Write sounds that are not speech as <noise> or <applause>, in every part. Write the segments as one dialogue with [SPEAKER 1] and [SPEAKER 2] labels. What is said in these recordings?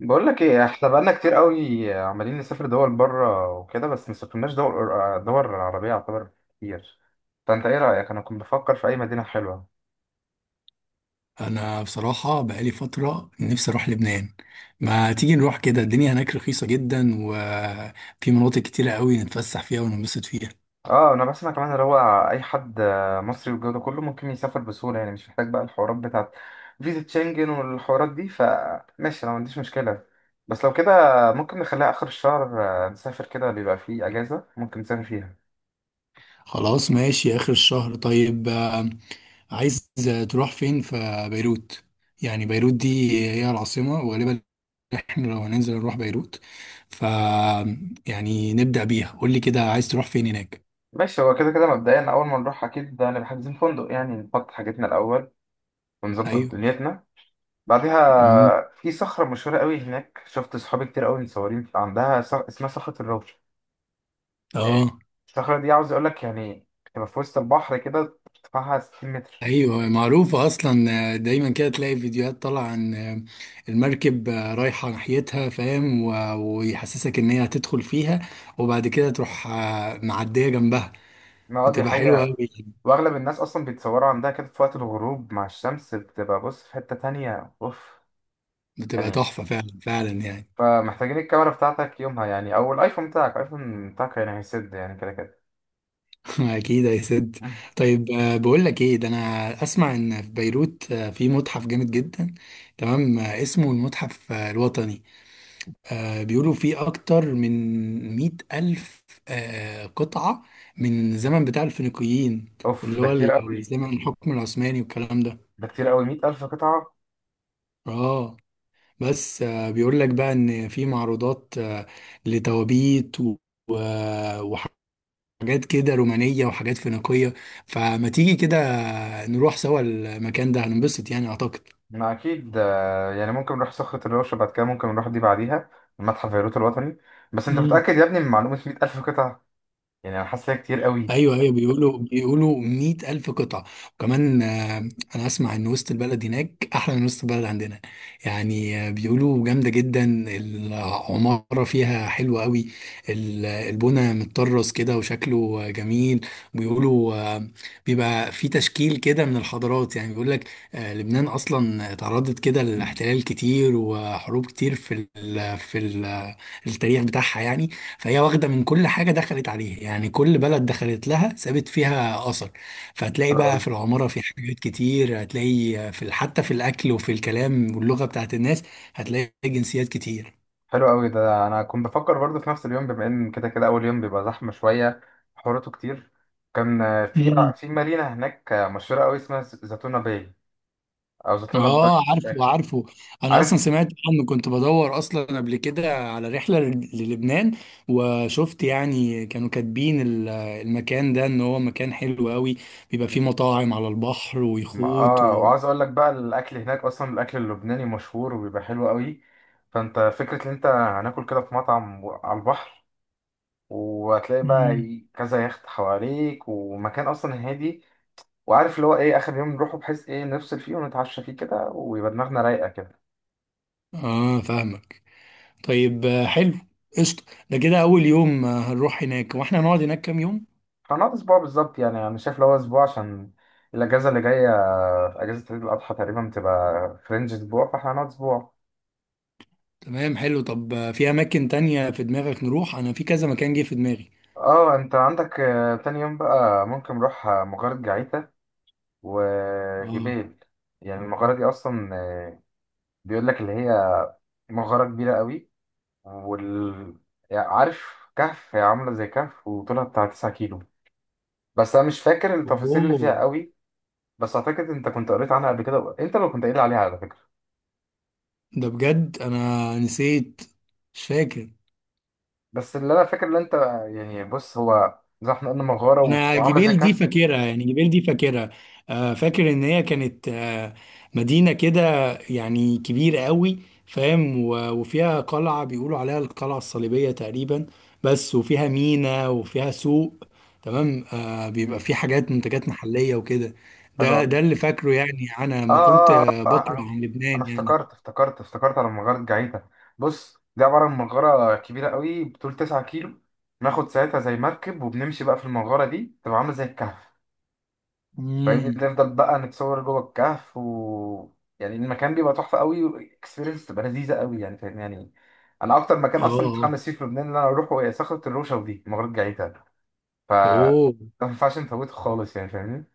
[SPEAKER 1] بقول لك ايه، احنا بقالنا كتير قوي عمالين نسافر دول بره وكده، بس ما سافرناش دول. دول عربية يعتبر كتير. فانت ايه رأيك؟ انا كنت بفكر في اي مدينة حلوة.
[SPEAKER 2] انا بصراحه بقالي فتره نفسي اروح لبنان. ما تيجي نروح كده؟ الدنيا هناك رخيصه جدا وفي مناطق كتيره قوي نتفسح فيها وننبسط فيها.
[SPEAKER 1] اه، انا بسمع كمان اللي هو اي حد مصري والجو ده كله ممكن يسافر بسهولة. يعني مش محتاج بقى الحوارات بتاعت فيزا شنجن والحوارات دي، فماشي انا ما عنديش مشكلة. بس لو كده ممكن نخليها اخر الشهر. نسافر كده بيبقى فيه اجازة ممكن نسافر فيها.
[SPEAKER 2] خلاص ماشي اخر الشهر. طيب عايز تروح فين؟ في بيروت يعني. بيروت دي هي العاصمه، وغالبا احنا لو هننزل نروح بيروت ف يعني نبدا بيها. قول لي كده عايز تروح فين هناك؟
[SPEAKER 1] ماشي، هو كده كده مبدئيا اول ما نروح اكيد هنبقى حاجزين فندق، يعني نحط حاجتنا الاول ونظبط
[SPEAKER 2] ايوه.
[SPEAKER 1] دنيتنا بعدها.
[SPEAKER 2] امم
[SPEAKER 1] في صخرة مشهورة قوي هناك، شفت صحابي كتير قوي متصورين عندها، اسمها صخرة الروضة. إيه،
[SPEAKER 2] اه.
[SPEAKER 1] الصخرة دي عاوز اقول لك يعني تبقى في وسط البحر كده، ارتفاعها 60 متر.
[SPEAKER 2] ايوه، معروفة اصلا. دايما كده تلاقي فيديوهات طالعة عن المركب رايحة ناحيتها، فاهم؟ ويحسسك ان هي هتدخل فيها، وبعد كده تروح معدية جنبها.
[SPEAKER 1] ما اه، دي
[SPEAKER 2] بتبقى حلوة
[SPEAKER 1] حقيقة.
[SPEAKER 2] قوي.
[SPEAKER 1] واغلب الناس اصلا بيتصوروا عندها كده في وقت الغروب مع الشمس، بتبقى بص، في حتة تانية، اوف
[SPEAKER 2] بتبقى
[SPEAKER 1] يعني.
[SPEAKER 2] تحفة فعلا فعلا يعني.
[SPEAKER 1] فمحتاجين الكاميرا بتاعتك يومها يعني، او الايفون بتاعك، الايفون بتاعك يعني هيسد يعني كده كده.
[SPEAKER 2] <laughs> اكيد يا سد.
[SPEAKER 1] <laughs>
[SPEAKER 2] طيب بقول لك ايه؟ ده انا اسمع ان في بيروت في متحف جامد جدا. تمام اسمه المتحف الوطني. بيقولوا في أكتر من مئة ألف قطعة من الزمن بتاع الفينيقيين،
[SPEAKER 1] اوف،
[SPEAKER 2] اللي
[SPEAKER 1] ده
[SPEAKER 2] هو
[SPEAKER 1] كتير قوي.
[SPEAKER 2] الزمن الحكم العثماني والكلام ده.
[SPEAKER 1] ده كتير قوي، 100,000 قطعة.
[SPEAKER 2] اه. بس بيقول لك بقى إن في معروضات لتوابيت وحاجات كده رومانية وحاجات فينيقية. فما تيجي كده نروح سوا المكان ده، هننبسط يعني أعتقد.
[SPEAKER 1] ما اكيد يعني ممكن نروح صخرة الرش بعد كده، ممكن نروح دي بعديها، المتحف البيروت الوطني. بس انت متأكد يا ابني من معلومة 100 ألف قطعة؟ يعني انا حاسس إن هي كتير قوي.
[SPEAKER 2] ايوه ايوه، بيقولوا 100,000 ألف قطعة. وكمان انا اسمع ان وسط البلد هناك احلى من وسط البلد عندنا. يعني بيقولوا جامدة جدا، العمارة فيها حلوة قوي. البنا متطرز كده وشكله جميل. بيقولوا بيبقى في تشكيل كده من الحضارات، يعني بيقول لك لبنان اصلا تعرضت كده لاحتلال كتير وحروب كتير في ال التاريخ بتاعها يعني. فهي واخدة من كل حاجة دخلت عليها، يعني كل بلد دخلت لها سابت فيها أثر. فهتلاقي
[SPEAKER 1] حلو
[SPEAKER 2] بقى
[SPEAKER 1] قوي.
[SPEAKER 2] في العمارة في حاجات كتير، هتلاقي في حتى في الأكل وفي الكلام واللغة بتاعت الناس، هتلاقي جنسيات كتير.
[SPEAKER 1] حلو قوي، ده انا كنت بفكر برضه في نفس اليوم، بما ان كده كده اول يوم بيبقى زحمة شوية، حوراته كتير. كان في
[SPEAKER 2] مم.
[SPEAKER 1] مدينة هناك مشهورة قوي اسمها زيتونة باي، او زيتونة باي،
[SPEAKER 2] اه،
[SPEAKER 1] مش
[SPEAKER 2] عارفه
[SPEAKER 1] فاكر.
[SPEAKER 2] عارفه. انا اصلا
[SPEAKER 1] عارف.
[SPEAKER 2] سمعت عنه، كنت بدور اصلا قبل كده على رحله للبنان. وشفت يعني كانوا كاتبين المكان ده ان هو مكان حلو قوي، بيبقى فيه مطاعم على البحر
[SPEAKER 1] ما
[SPEAKER 2] ويخوت
[SPEAKER 1] اه، وعاوز اقول لك بقى، الاكل هناك اصلا، الاكل اللبناني مشهور وبيبقى حلو قوي. فانت فكره ان انت هناكل كده في مطعم على البحر، وهتلاقي بقى،
[SPEAKER 2] مم.
[SPEAKER 1] كذا يخت حواليك، ومكان اصلا هادي. وعارف اللي هو ايه؟ اخر يوم نروحه بحيث ايه، نفصل فيه ونتعشى فيه كده، ويبقى دماغنا رايقه كده.
[SPEAKER 2] اه فاهمك. طيب حلو. قشطة. ده كده أول يوم هنروح هناك. وإحنا هنقعد هناك كام يوم؟
[SPEAKER 1] هنقعد اسبوع بالظبط، يعني انا شايف اللي هو اسبوع، عشان الاجازه اللي جايه اجازه عيد الاضحى تقريبا بتبقى فرنج اسبوع، فاحنا هنقعد اسبوع.
[SPEAKER 2] تمام، حلو. طب في أماكن تانية في دماغك نروح؟ أنا في كذا مكان جه في دماغي.
[SPEAKER 1] اه، انت عندك تاني يوم بقى ممكن نروح مغارة جعيتا
[SPEAKER 2] آه.
[SPEAKER 1] وجبال. يعني المغارة دي أصلا بيقول لك اللي هي مغارة كبيرة قوي، وال يعني عارف، كهف، هي عاملة زي كهف وطولها بتاع 9 كيلو. بس أنا مش فاكر التفاصيل اللي فيها
[SPEAKER 2] أوه.
[SPEAKER 1] قوي. بس أعتقد أنت كنت قريت عنها قبل كده، أنت لو كنت قايل عليها على فكرة.
[SPEAKER 2] ده بجد أنا نسيت، مش فاكر.
[SPEAKER 1] بس اللي أنا فاكر اللي أنت، يعني بص، هو زي ما احنا قلنا، مغارة و-
[SPEAKER 2] انا
[SPEAKER 1] وعاملة زي
[SPEAKER 2] جبيل دي
[SPEAKER 1] كهف.
[SPEAKER 2] فاكرها، يعني جبيل دي فاكرها. فاكر ان هي كانت مدينة كده يعني، كبيرة قوي، فاهم؟ وفيها قلعة بيقولوا عليها القلعة الصليبية تقريبا بس. وفيها ميناء وفيها سوق. تمام بيبقى
[SPEAKER 1] مم.
[SPEAKER 2] فيه حاجات منتجات محلية وكده.
[SPEAKER 1] حلو
[SPEAKER 2] ده
[SPEAKER 1] قوي.
[SPEAKER 2] ده اللي فاكره يعني. انا
[SPEAKER 1] اه،
[SPEAKER 2] لما كنت
[SPEAKER 1] اه، اه،
[SPEAKER 2] بقرأ
[SPEAKER 1] انا
[SPEAKER 2] عن
[SPEAKER 1] انا
[SPEAKER 2] لبنان يعني.
[SPEAKER 1] افتكرت على مغارة جعيتا. بص، دي عبارة عن مغارة كبيرة قوي بطول 9 كيلو، بناخد ساعتها زي مركب وبنمشي بقى في المغارة دي، تبقى عاملة زي الكهف. فاهمني؟
[SPEAKER 2] امم.
[SPEAKER 1] نفضل بقى نتصور جوه الكهف يعني المكان بيبقى تحفة قوي، والاكسبيرينس تبقى لذيذة قوي يعني، فاهمني يعني. انا اكتر مكان اصلا
[SPEAKER 2] اه.
[SPEAKER 1] متحمس فيه في لبنان ان انا اروحه، هي صخرة الروشة، ودي مغارة جعيتا. ف
[SPEAKER 2] اوه.
[SPEAKER 1] ما ينفعش نفوته خالص يعني، فاهمني.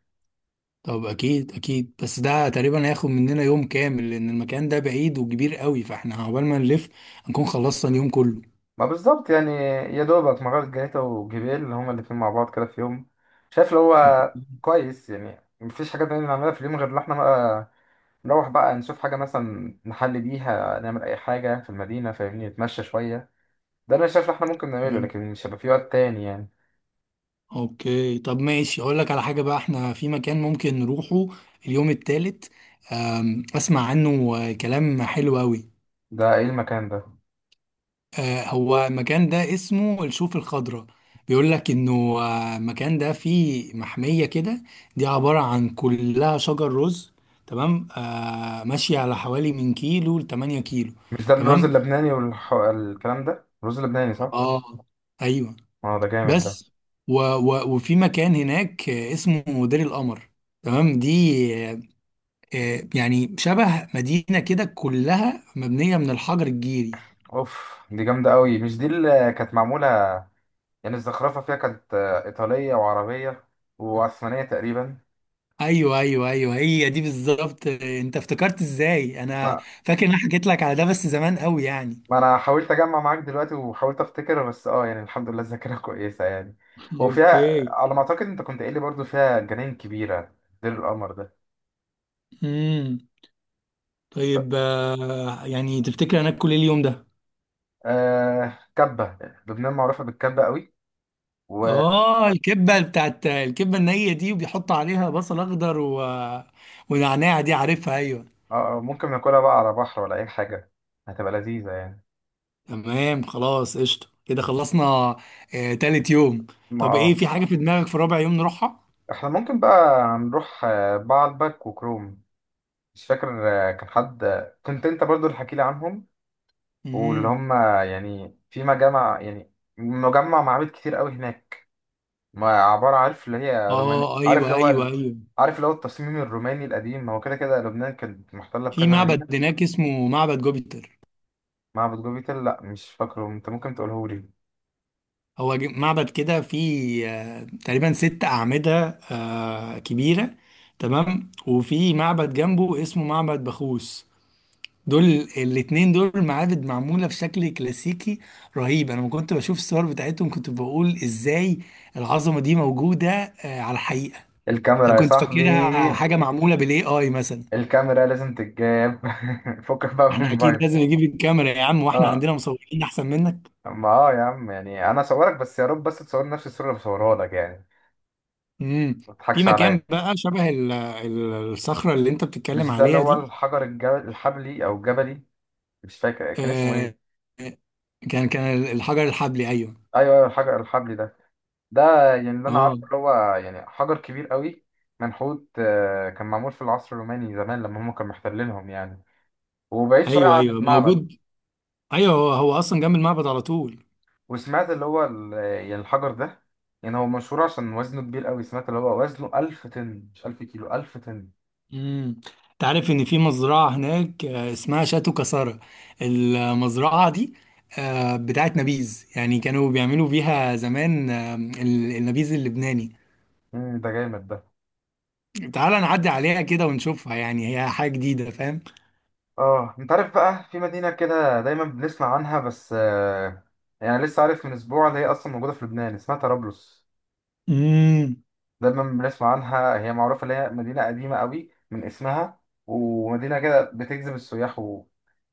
[SPEAKER 2] طب اكيد اكيد، بس ده تقريبا هياخد مننا يوم كامل لان المكان ده بعيد وكبير قوي، فاحنا عقبال ما نلف هنكون خلصنا اليوم كله.
[SPEAKER 1] ما بالظبط يعني. يا دوبك مغارة جنيتا وجبال هما الاتنين مع بعض كده في يوم. شايف اللي
[SPEAKER 2] أوك-
[SPEAKER 1] هو كويس يعني، مفيش حاجة تانية نعملها في اليوم غير إن احنا بقى نروح بقى نشوف حاجة، مثلا نحل بيها، نعمل أي حاجة في المدينة، فاهمني؟ نتمشى شوية، ده أنا شايف اللي احنا ممكن نعمله،
[SPEAKER 2] مم.
[SPEAKER 1] لكن مش هيبقى في وقت تاني يعني.
[SPEAKER 2] اوكي، طب ماشي. اقول لك على حاجة بقى، احنا في مكان ممكن نروحه اليوم التالت. اسمع عنه كلام حلو قوي.
[SPEAKER 1] ده إيه المكان ده؟
[SPEAKER 2] هو المكان ده اسمه الشوف الخضراء. بيقول لك انه المكان ده فيه محمية كده. دي عبارة عن كلها شجر رز. تمام ماشية على حوالي من كيلو لتمانية كيلو.
[SPEAKER 1] مش ده الرز
[SPEAKER 2] تمام.
[SPEAKER 1] اللبناني والكلام ده؟ الرز اللبناني، صح؟
[SPEAKER 2] اه. ايوه.
[SPEAKER 1] اه، ده جامد ده.
[SPEAKER 2] بس و و وفي مكان هناك اسمه دير القمر. تمام دي آه، يعني شبه مدينة كده كلها مبنية من الحجر الجيري.
[SPEAKER 1] أوف، دي جامدة أوي. مش دي اللي كانت معمولة يعني الزخرفة فيها كانت إيطالية وعربية وعثمانية تقريبا؟
[SPEAKER 2] ايوه ايوه ايوه، هي دي بالظبط. انت افتكرت ازاي؟ انا
[SPEAKER 1] ما,
[SPEAKER 2] فاكر ان انا حكيت لك على ده بس زمان قوي يعني.
[SPEAKER 1] ما أنا حاولت أجمع معاك دلوقتي وحاولت أفتكر، بس يعني الحمد لله الذاكرة <laughs> كويسة يعني. وفيها
[SPEAKER 2] اوكي.
[SPEAKER 1] على ما أعتقد، أنت كنت قايل لي برضو، فيها جناين كبيرة، دير القمر ده.
[SPEAKER 2] امم.
[SPEAKER 1] ط-
[SPEAKER 2] طيب يعني تفتكر انا اكل ايه اليوم ده؟
[SPEAKER 1] كبة. لبنان معروفة بالكبة قوي، و آه
[SPEAKER 2] اه، الكبه بتاعت الكبه النيه دي وبيحط عليها بصل اخضر ونعناع، دي عارفها، ايوه.
[SPEAKER 1] ممكن ناكلها بقى على بحر ولا أي حاجة، هتبقى لذيذة يعني.
[SPEAKER 2] تمام خلاص قشطه، كده خلصنا تالت يوم.
[SPEAKER 1] ما
[SPEAKER 2] طب ايه
[SPEAKER 1] اه.
[SPEAKER 2] في حاجه في دماغك في رابع يوم نروحها؟
[SPEAKER 1] احنا ممكن بقى نروح بعلبك وكروم. مش فاكر، كان حد، كنت انت برضو اللي حكي لي عنهم، واللي
[SPEAKER 2] امم.
[SPEAKER 1] هم يعني في مجامع يعني، مجمع معابد كتير قوي هناك. ما عبارة، عارف اللي هي روماني،
[SPEAKER 2] اه
[SPEAKER 1] عارف اللي
[SPEAKER 2] ايوه
[SPEAKER 1] هو
[SPEAKER 2] ايوه
[SPEAKER 1] ال...
[SPEAKER 2] ايوه.
[SPEAKER 1] عارف اللي هو التصميم الروماني القديم، ما هو كده كده لبنان كانت محتلة
[SPEAKER 2] في
[SPEAKER 1] بكذا
[SPEAKER 2] معبد
[SPEAKER 1] مدينة.
[SPEAKER 2] هناك اسمه معبد جوبيتر.
[SPEAKER 1] معبد جوبي تل، لا مش فاكره، انت ممكن تقوله لي.
[SPEAKER 2] هو معبد كده فيه تقريبا ست أعمدة كبيرة. تمام. وفي معبد جنبه اسمه معبد بخوس. دول الاتنين دول معابد معمولة في شكل كلاسيكي رهيب. أنا ما كنت بشوف الصور بتاعتهم كنت بقول إزاي العظمة دي موجودة على الحقيقة. أنا
[SPEAKER 1] الكاميرا يا
[SPEAKER 2] كنت فاكرها
[SPEAKER 1] صاحبي،
[SPEAKER 2] حاجة معمولة بالاي اي مثلا.
[SPEAKER 1] الكاميرا لازم تتجاب. <laughs> فكك بقى من
[SPEAKER 2] احنا أكيد
[SPEAKER 1] الموبايل.
[SPEAKER 2] لازم نجيب الكاميرا يا عم، واحنا
[SPEAKER 1] اه.
[SPEAKER 2] عندنا مصورين أحسن منك.
[SPEAKER 1] ما اه يا عم، يعني انا اصورك، بس يا رب بس تصور نفس الصورة اللي بصورها لك يعني.
[SPEAKER 2] مم.
[SPEAKER 1] ما
[SPEAKER 2] في
[SPEAKER 1] تضحكش
[SPEAKER 2] مكان
[SPEAKER 1] عليا.
[SPEAKER 2] بقى شبه الصخرة اللي أنت
[SPEAKER 1] مش
[SPEAKER 2] بتتكلم
[SPEAKER 1] ده اللي
[SPEAKER 2] عليها
[SPEAKER 1] هو
[SPEAKER 2] دي.
[SPEAKER 1] الحجر الجبل الحبلي او الجبلي؟ مش فاكر كان اسمه
[SPEAKER 2] آه،
[SPEAKER 1] ايه.
[SPEAKER 2] كان الحجر الحبلي، ايوه.
[SPEAKER 1] ايوه، ايوه، الحجر الحبلي ده. ده يعني اللي انا
[SPEAKER 2] اه
[SPEAKER 1] عارفه اللي هو يعني حجر كبير قوي، منحوت، كان معمول في العصر الروماني زمان لما هم كانوا محتلينهم يعني، وبعيد شويه
[SPEAKER 2] ايوه
[SPEAKER 1] عن
[SPEAKER 2] ايوه
[SPEAKER 1] المعبد.
[SPEAKER 2] موجود. ايوه، هو هو اصلا جنب المعبد على طول.
[SPEAKER 1] وسمعت اللي هو يعني الحجر ده، يعني هو مشهور عشان وزنه كبير قوي، سمعت اللي هو وزنه 1000 طن، مش 1000 كيلو، 1000 طن.
[SPEAKER 2] امم. انت عارف ان في مزرعه هناك اسمها شاتو كسارة. المزرعه دي بتاعت نبيذ، يعني كانوا بيعملوا بيها زمان النبيذ اللبناني.
[SPEAKER 1] ده جامد ده.
[SPEAKER 2] تعال نعدي عليها كده ونشوفها، يعني هي حاجه جديده، فاهم؟
[SPEAKER 1] اه، انت عارف بقى في مدينه كده دايما بنسمع عنها بس يعني لسه عارف من اسبوع اللي هي اصلا موجوده في لبنان، اسمها طرابلس.
[SPEAKER 2] امم.
[SPEAKER 1] دايما بنسمع عنها، هي معروفة اللي هي مدينة قديمة قوي من اسمها، ومدينة كده بتجذب السياح.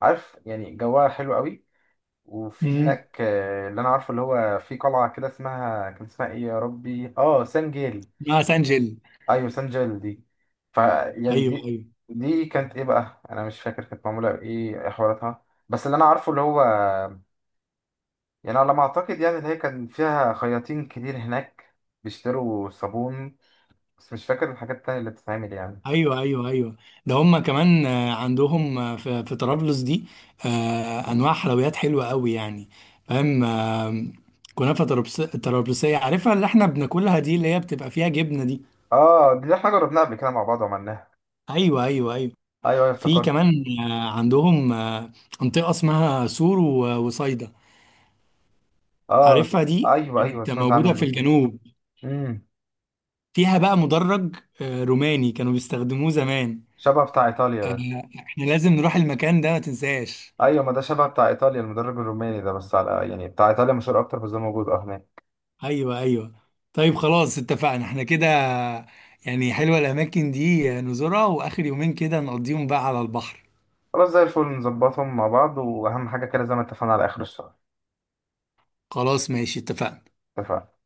[SPEAKER 1] وعارف يعني جواها حلو قوي. وفي
[SPEAKER 2] امم
[SPEAKER 1] هناك اللي انا عارفه اللي هو في قلعة كده اسمها، كان اسمها ايه يا ربي؟ اه، سان جيل.
[SPEAKER 2] اسمها سانجل.
[SPEAKER 1] ايوه، سان جيل دي. يعني
[SPEAKER 2] ايوه
[SPEAKER 1] دي،
[SPEAKER 2] ايوه
[SPEAKER 1] دي كانت ايه بقى؟ انا مش فاكر كانت معمولة بايه، إيه حواراتها. بس اللي انا عارفه اللي هو يعني، على ما اعتقد يعني، اللي هي كان فيها خياطين كتير هناك بيشتروا صابون، بس مش فاكر الحاجات التانية اللي بتتعمل يعني.
[SPEAKER 2] ايوه ايوه ايوه. ده هم كمان عندهم في طرابلس دي انواع حلويات حلوه قوي يعني. فاهم كنافه طرابلسيه، عارفها اللي احنا بناكلها دي اللي هي بتبقى فيها جبنه دي.
[SPEAKER 1] اه، دي احنا جربناها قبل كده مع بعض وعملناها.
[SPEAKER 2] ايوه ايوه ايوه.
[SPEAKER 1] ايوه، ايوه،
[SPEAKER 2] في
[SPEAKER 1] افتكرت.
[SPEAKER 2] كمان عندهم منطقه اسمها سور وصيدا.
[SPEAKER 1] اه،
[SPEAKER 2] عارفها، دي
[SPEAKER 1] ايوه، ايوه،
[SPEAKER 2] كانت
[SPEAKER 1] سمعت
[SPEAKER 2] موجوده
[SPEAKER 1] عنهم
[SPEAKER 2] في
[SPEAKER 1] دول.
[SPEAKER 2] الجنوب.
[SPEAKER 1] امم.
[SPEAKER 2] فيها بقى مدرج روماني كانوا بيستخدموه زمان.
[SPEAKER 1] شبه بتاع ايطاليا ده.
[SPEAKER 2] احنا لازم نروح المكان ده، ما تنساش.
[SPEAKER 1] ايوه، ما ده شبه بتاع ايطاليا المدرب الروماني ده، بس على يعني بتاع ايطاليا مشهور اكتر، بس ده موجود اه هناك.
[SPEAKER 2] ايوه ايوه. طيب خلاص اتفقنا احنا كده. يعني حلوة الاماكن دي نزورها، واخر يومين كده نقضيهم بقى على البحر.
[SPEAKER 1] خلاص، زي الفل، نظبطهم مع بعض، واهم حاجه كده زي ما اتفقنا على اخر الشهر.
[SPEAKER 2] خلاص ماشي اتفقنا.
[SPEAKER 1] اتفقنا.